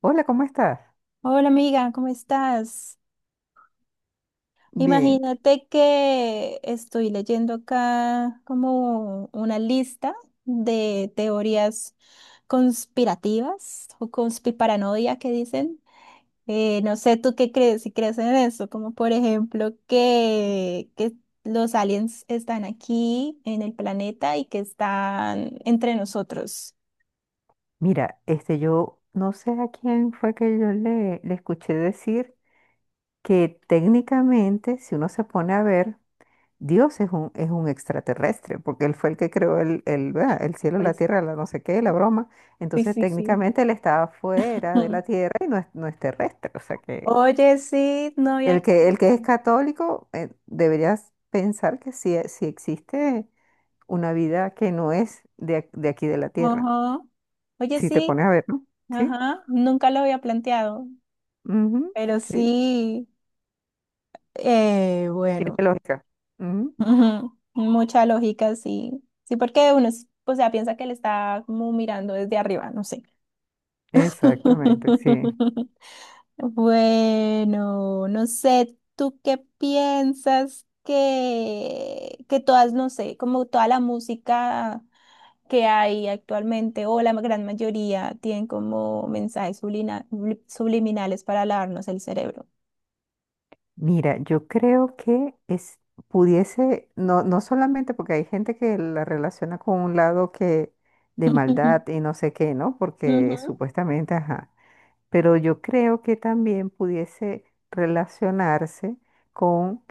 Hola, ¿cómo estás? Hola amiga, ¿cómo estás? Bien. Imagínate que estoy leyendo acá como una lista de teorías conspirativas o conspiparanoia que dicen. No sé tú qué crees, si crees en eso, como por ejemplo que los aliens están aquí en el planeta y que están entre nosotros. Mira, yo no sé a quién fue que yo le escuché decir que técnicamente, si uno se pone a ver, Dios es es un extraterrestre, porque él fue el que creó ¿verdad? El cielo, la Pues tierra, la no sé qué, la broma. sí, Entonces, sí, sí. técnicamente él estaba fuera de Ujú. la tierra y no es terrestre. O sea que Oye, sí, no había... el que es católico, deberías pensar que sí, sí existe una vida que no es de aquí de la tierra. Ajá. Oye, Si te sí. pones a ver, ¿no? Sí, Ajá, nunca lo había planteado, ujú, pero sí, sí, tiene bueno, lógica. Ujú, ujú, mucha lógica, sí. Sí, porque uno, o sea, piensa que le está como mirando desde arriba, no sé. exactamente, sí. Bueno, no sé, ¿tú qué piensas que todas, no sé, como toda la música que hay actualmente o la gran mayoría tienen como mensajes subliminales para lavarnos el cerebro? Mira, yo creo que es, pudiese, no, no solamente porque hay gente que la relaciona con un lado que de maldad Ujú. y no sé qué, ¿no? Porque Ujú. supuestamente, ajá. Pero yo creo que también pudiese relacionarse con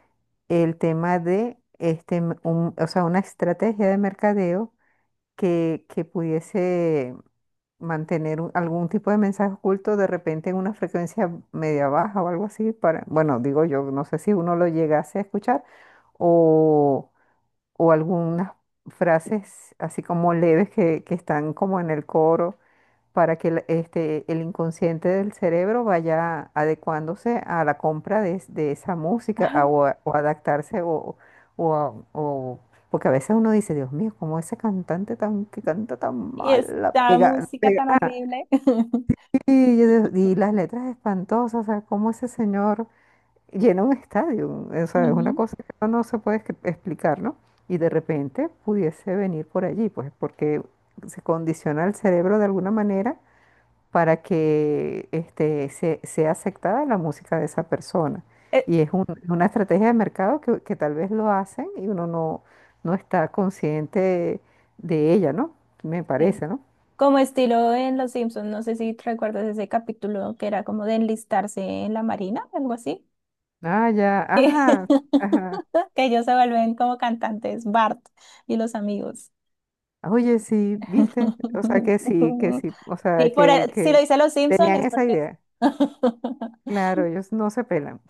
el tema de o sea, una estrategia de mercadeo que pudiese mantener un- algún tipo de mensaje oculto de repente en una frecuencia media baja o algo así para, bueno, digo yo, no sé si uno lo llegase a escuchar o, o algunas frases así como leves que están como en el coro para que el inconsciente del cerebro vaya adecuándose a la compra de esa música Ajá. O adaptarse o, a- o- porque a veces uno dice, Dios mío, cómo ese cantante tan que canta tan Y mal, la esta pega, la música tan pega". horrible. Y, yo digo, "Y las letras espantosas, o sea, cómo ese señor llena un estadio, o sea, es una Ujú. cosa que uno no se puede escri- explicar, ¿no? Y de repente pudiese venir por allí, pues porque se condiciona el cerebro de alguna manera para que sea aceptada la música de esa persona. Eh, Y es un- es una estrategia de mercado que tal vez lo hacen y uno no, no está consciente de ella, ¿no? Me Sí. parece, ¿no? Como estilo en Los Simpsons, no sé si recuerdas ese capítulo que era como de enlistarse en la marina, algo así. Ah, ya, Que, ajá, ajá. que ellos se vuelven como cantantes, Bart y los amigos. Oye, sí, viste, o sea, que sí, o sea, Sí, si lo que dice Los Simpsons tenían es esa porque... idea. Claro, ellos no se pelan,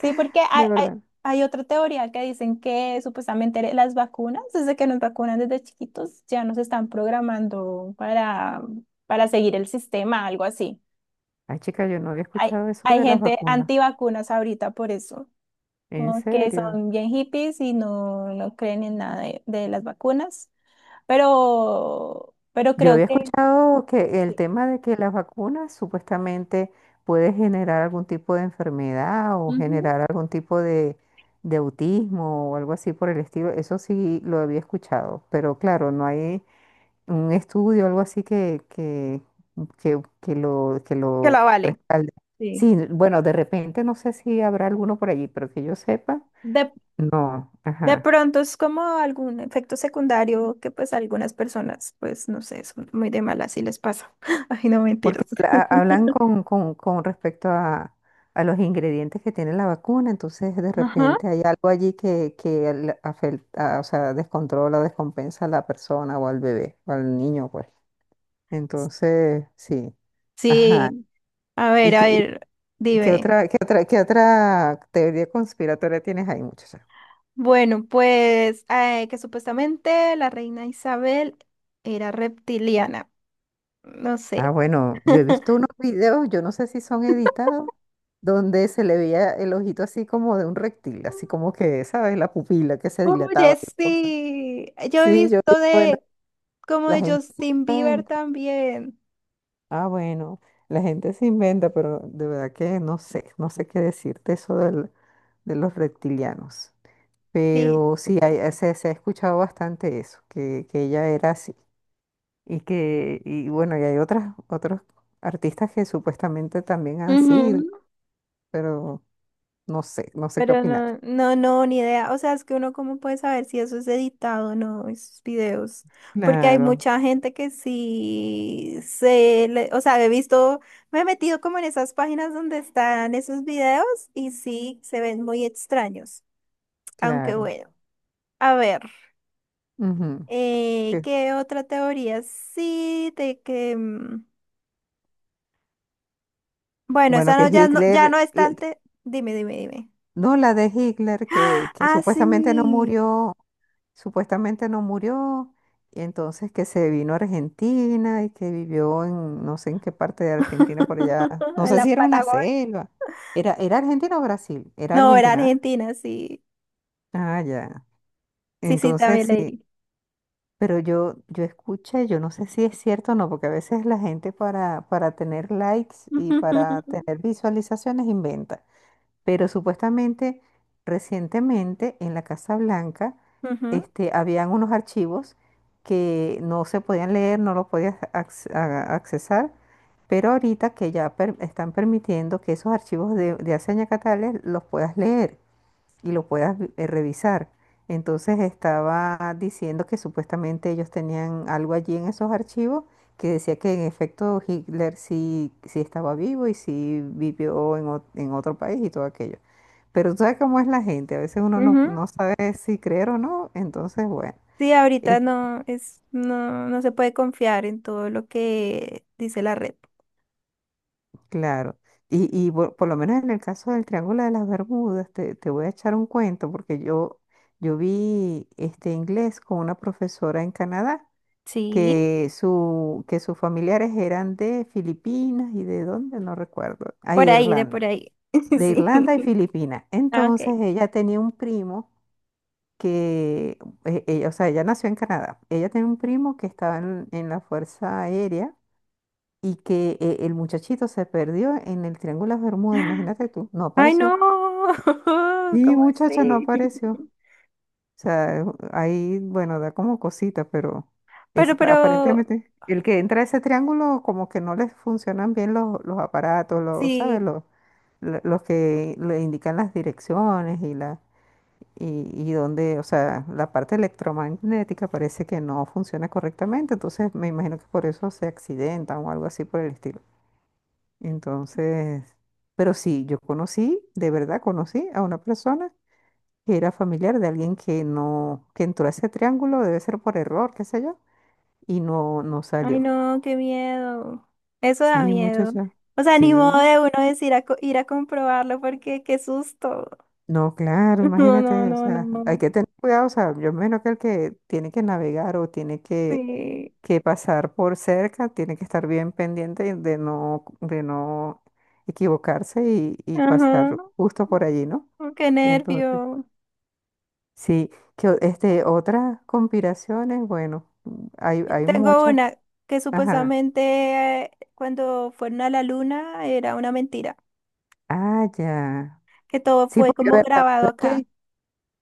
Sí, porque de verdad. hay otra teoría que dicen que supuestamente las vacunas, desde que nos vacunan desde chiquitos, ya nos están programando para seguir el sistema, algo así. Ay, chica, yo no había escuchado eso Hay de las gente vacunas. antivacunas ahorita por eso, ¿En como que serio? son bien hippies y no, no creen en nada de, de las vacunas, pero Yo creo había que, escuchado que el sí. tema de que las vacunas supuestamente puede generar algún tipo de enfermedad o Ujú. generar algún tipo de autismo o algo así por el estilo. Eso sí lo había escuchado, pero claro, no hay un estudio o algo así que Que lo la vale. respalde. Sí. Sí, bueno, de repente no sé si habrá alguno por allí, pero que yo sepa, De, no. De Ajá. pronto es como algún efecto secundario que pues a algunas personas, pues no sé, son muy de malas y les pasa. Ay, no Porque mentiras. ha- hablan con respecto a los ingredientes que tiene la vacuna, entonces de Ajá. repente hay algo allí que le afecta, o sea, descontrola o descompensa a la persona o al bebé o al niño, pues. Entonces, sí, ajá. Sí, ¿Y a qué, ver, dime. Qué otra teoría conspiratoria tienes ahí, muchachos? Bueno, pues que supuestamente la reina Isabel era reptiliana. No Ah, sé. bueno, yo he visto unos videos, yo no sé si son editados, donde se le veía el ojito así como de un reptil, así como que, ¿sabes? La pupila que se dilataba Oye, y cosas. sí. Yo he Sí, yo visto digo, bueno, de como la de gente se Justin Bieber inventa. también. Ah, bueno, la gente se inventa, pero de verdad que no sé, no sé qué decirte eso del- de los reptilianos. Sí. Pero sí, hay- se ha escuchado bastante eso, que ella era así. Y que, y bueno, y hay otros artistas que supuestamente también han sido, pero no sé, no sé qué Pero opinar. no, no, no, ni idea. O sea, es que uno cómo puede saber si eso es editado o no, esos videos. Porque hay Claro, mucha gente que sí se le, o sea, he visto, me he metido como en esas páginas donde están esos videos y sí se ven muy extraños. Aunque claro. bueno, a ver, Ujú. Que- ¿qué otra teoría? Sí, de que, mm, bueno, bueno, esa que no, ya no Hitler, es tan le- te. Dime, dime, dime. no la de Hitler, Ah, que ah, sí. Supuestamente no murió, y entonces que se vino a Argentina y que vivió en no sé en qué parte de Argentina por allá, no En sé la si era una Patagonia. selva, era Argentina o Brasil, era No, era Argentina, ¿verdad? Argentina, sí. Ah, ya. Sí, sí, Entonces también sí. leí. Pero yo escuché, yo no sé si es cierto o no, porque a veces la gente para tener likes y para tener visualizaciones inventa. Pero supuestamente recientemente en la Casa Blanca Ujú, este, habían unos archivos que no se podían leer, no los podías accesar, pero ahorita que ya per- están permitiendo que esos archivos de hace añacatales los puedas leer y lo puedas revisar. Entonces estaba diciendo que supuestamente ellos tenían algo allí en esos archivos que decía que en efecto Hitler sí, sí estaba vivo y sí vivió en otro país y todo aquello. Pero tú sabes cómo es la gente, a veces uno no, ujú. no sabe si creer o no, entonces bueno, Sí, ahorita es no es, no, no se puede confiar en todo lo que dice la red. claro. Por lo menos en el caso del Triángulo de las Bermudas, te voy a echar un cuento porque yo vi este inglés con una profesora en Canadá Sí, que sus familiares eran de Filipinas y de dónde, no recuerdo, ahí por ahí, de por ahí. de Irlanda y Sí. Filipinas. Ah, ok. Entonces ella tenía un primo que, ella, o sea, ella nació en Canadá, ella tenía un primo que estaba en la Fuerza Aérea y que el muchachito se perdió en el Triángulo de Bermuda, imagínate tú, no Ay, no. apareció. Sí, ¿Cómo muchacha, no así? apareció. Sea, ahí, bueno, da como cosita, pero es, pero, aparentemente el que entra a ese triángulo como que no les funcionan bien los aparatos, los, sí. ¿sabes? Los, lo- los que le indican las direcciones y la y dónde, o sea, la parte electromagnética parece que no funciona correctamente, entonces me imagino que por eso se accidentan o algo así por el estilo. Entonces, pero sí, yo conocí, de verdad conocí a una persona que era familiar de alguien que no, que entró a ese triángulo, debe ser por error, qué sé yo, y no Ay, salió. no, qué miedo. Eso Sí, da miedo. muchacha. O sea, ni modo Sí. de uno decir ir a comprobarlo porque qué susto. No, claro, No, no, imagínate, o no, no, sea, hay no. que tener cuidado, o sea, yo menos que el que tiene que navegar o tiene Sí, que pasar por cerca, tiene que estar bien pendiente de no equivocarse y ajá, pasar justo por allí, ¿no? oh, qué Entonces, nervio. sí, que o- este, otras conspiraciones, bueno, hay Tengo muchas, una que ajá. supuestamente cuando fueron a la luna era una mentira, Ah, ya. que todo Sí, fue porque, a como ver, la grabado verdad acá. que-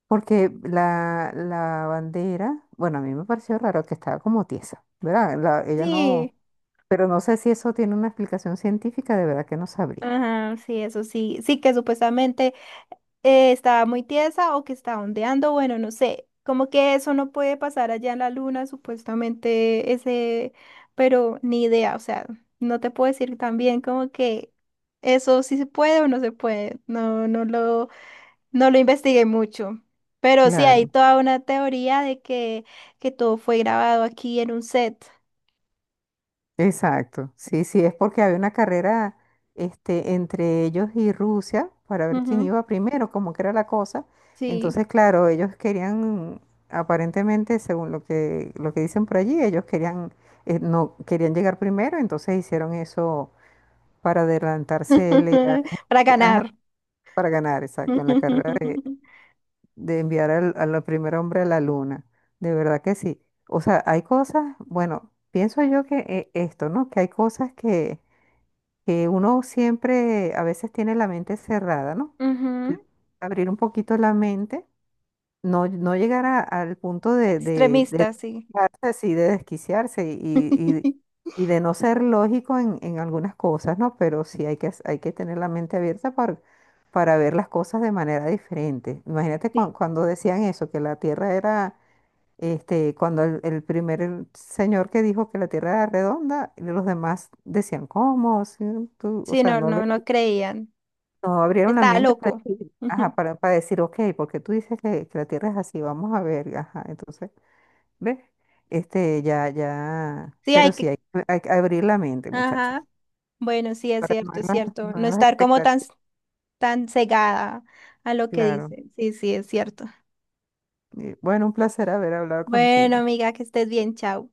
porque la bandera, bueno, a mí me pareció raro que estaba como tiesa, ¿verdad? La- ella Sí, no, pero no sé si eso tiene una explicación científica, de verdad que no sabría. ajá, sí, eso sí, sí que supuestamente estaba muy tiesa o que estaba ondeando, bueno, no sé, como que eso no puede pasar allá en la luna, supuestamente ese, pero ni idea, o sea, no te puedo decir también como que eso sí se puede o no se puede, no, no lo investigué mucho. Pero sí, hay Claro. toda una teoría de que todo fue grabado aquí en un set. Exacto, sí, sí, es porque había una carrera este, entre ellos y Rusia para ver quién Ujú, iba primero, cómo que era la cosa. sí. Entonces, claro, ellos querían, aparentemente, según lo lo que dicen por allí, ellos querían, no, querían llegar primero, entonces hicieron eso para adelantarse, LA Para ganar. para ganar, exacto, en la carrera de enviar al primer hombre a la luna. De verdad que sí. O sea, hay cosas, bueno, pienso yo que esto, ¿no? Que hay cosas que uno siempre a veces tiene la mente cerrada, ¿no? Pero Ujú. abrir un poquito la mente, no, no llegar a- al punto de Extremista, sí. desquiciarse, sí, de desquiciarse y de no ser lógico en algunas cosas, ¿no? Pero sí hay que tener la mente abierta para ver las cosas de manera diferente. Imagínate cuan- cuando decían eso, que la Tierra era este, cuando el primer señor que dijo que la Tierra era redonda, y los demás decían, ¿cómo? Sí, tú", o Sí, sea, no, no le no, no creían. no abrieron la Estaba mente para loco. decir, ajá, Ujú. Para decir, ok, porque tú dices que la Tierra es así, vamos a ver, ajá, entonces, ¿ves? Este, ya, ya, Sí, pero hay sí, que. Hay que abrir la mente, muchacha, Ajá. Bueno, sí, es para cierto, es nuevas, cierto. No nuevas estar como tan, expectativas, tan cegada a lo que claro. dicen. Sí, sí, es cierto. Y, bueno, un placer haber hablado Bueno, contigo. amiga, que estés bien, chao.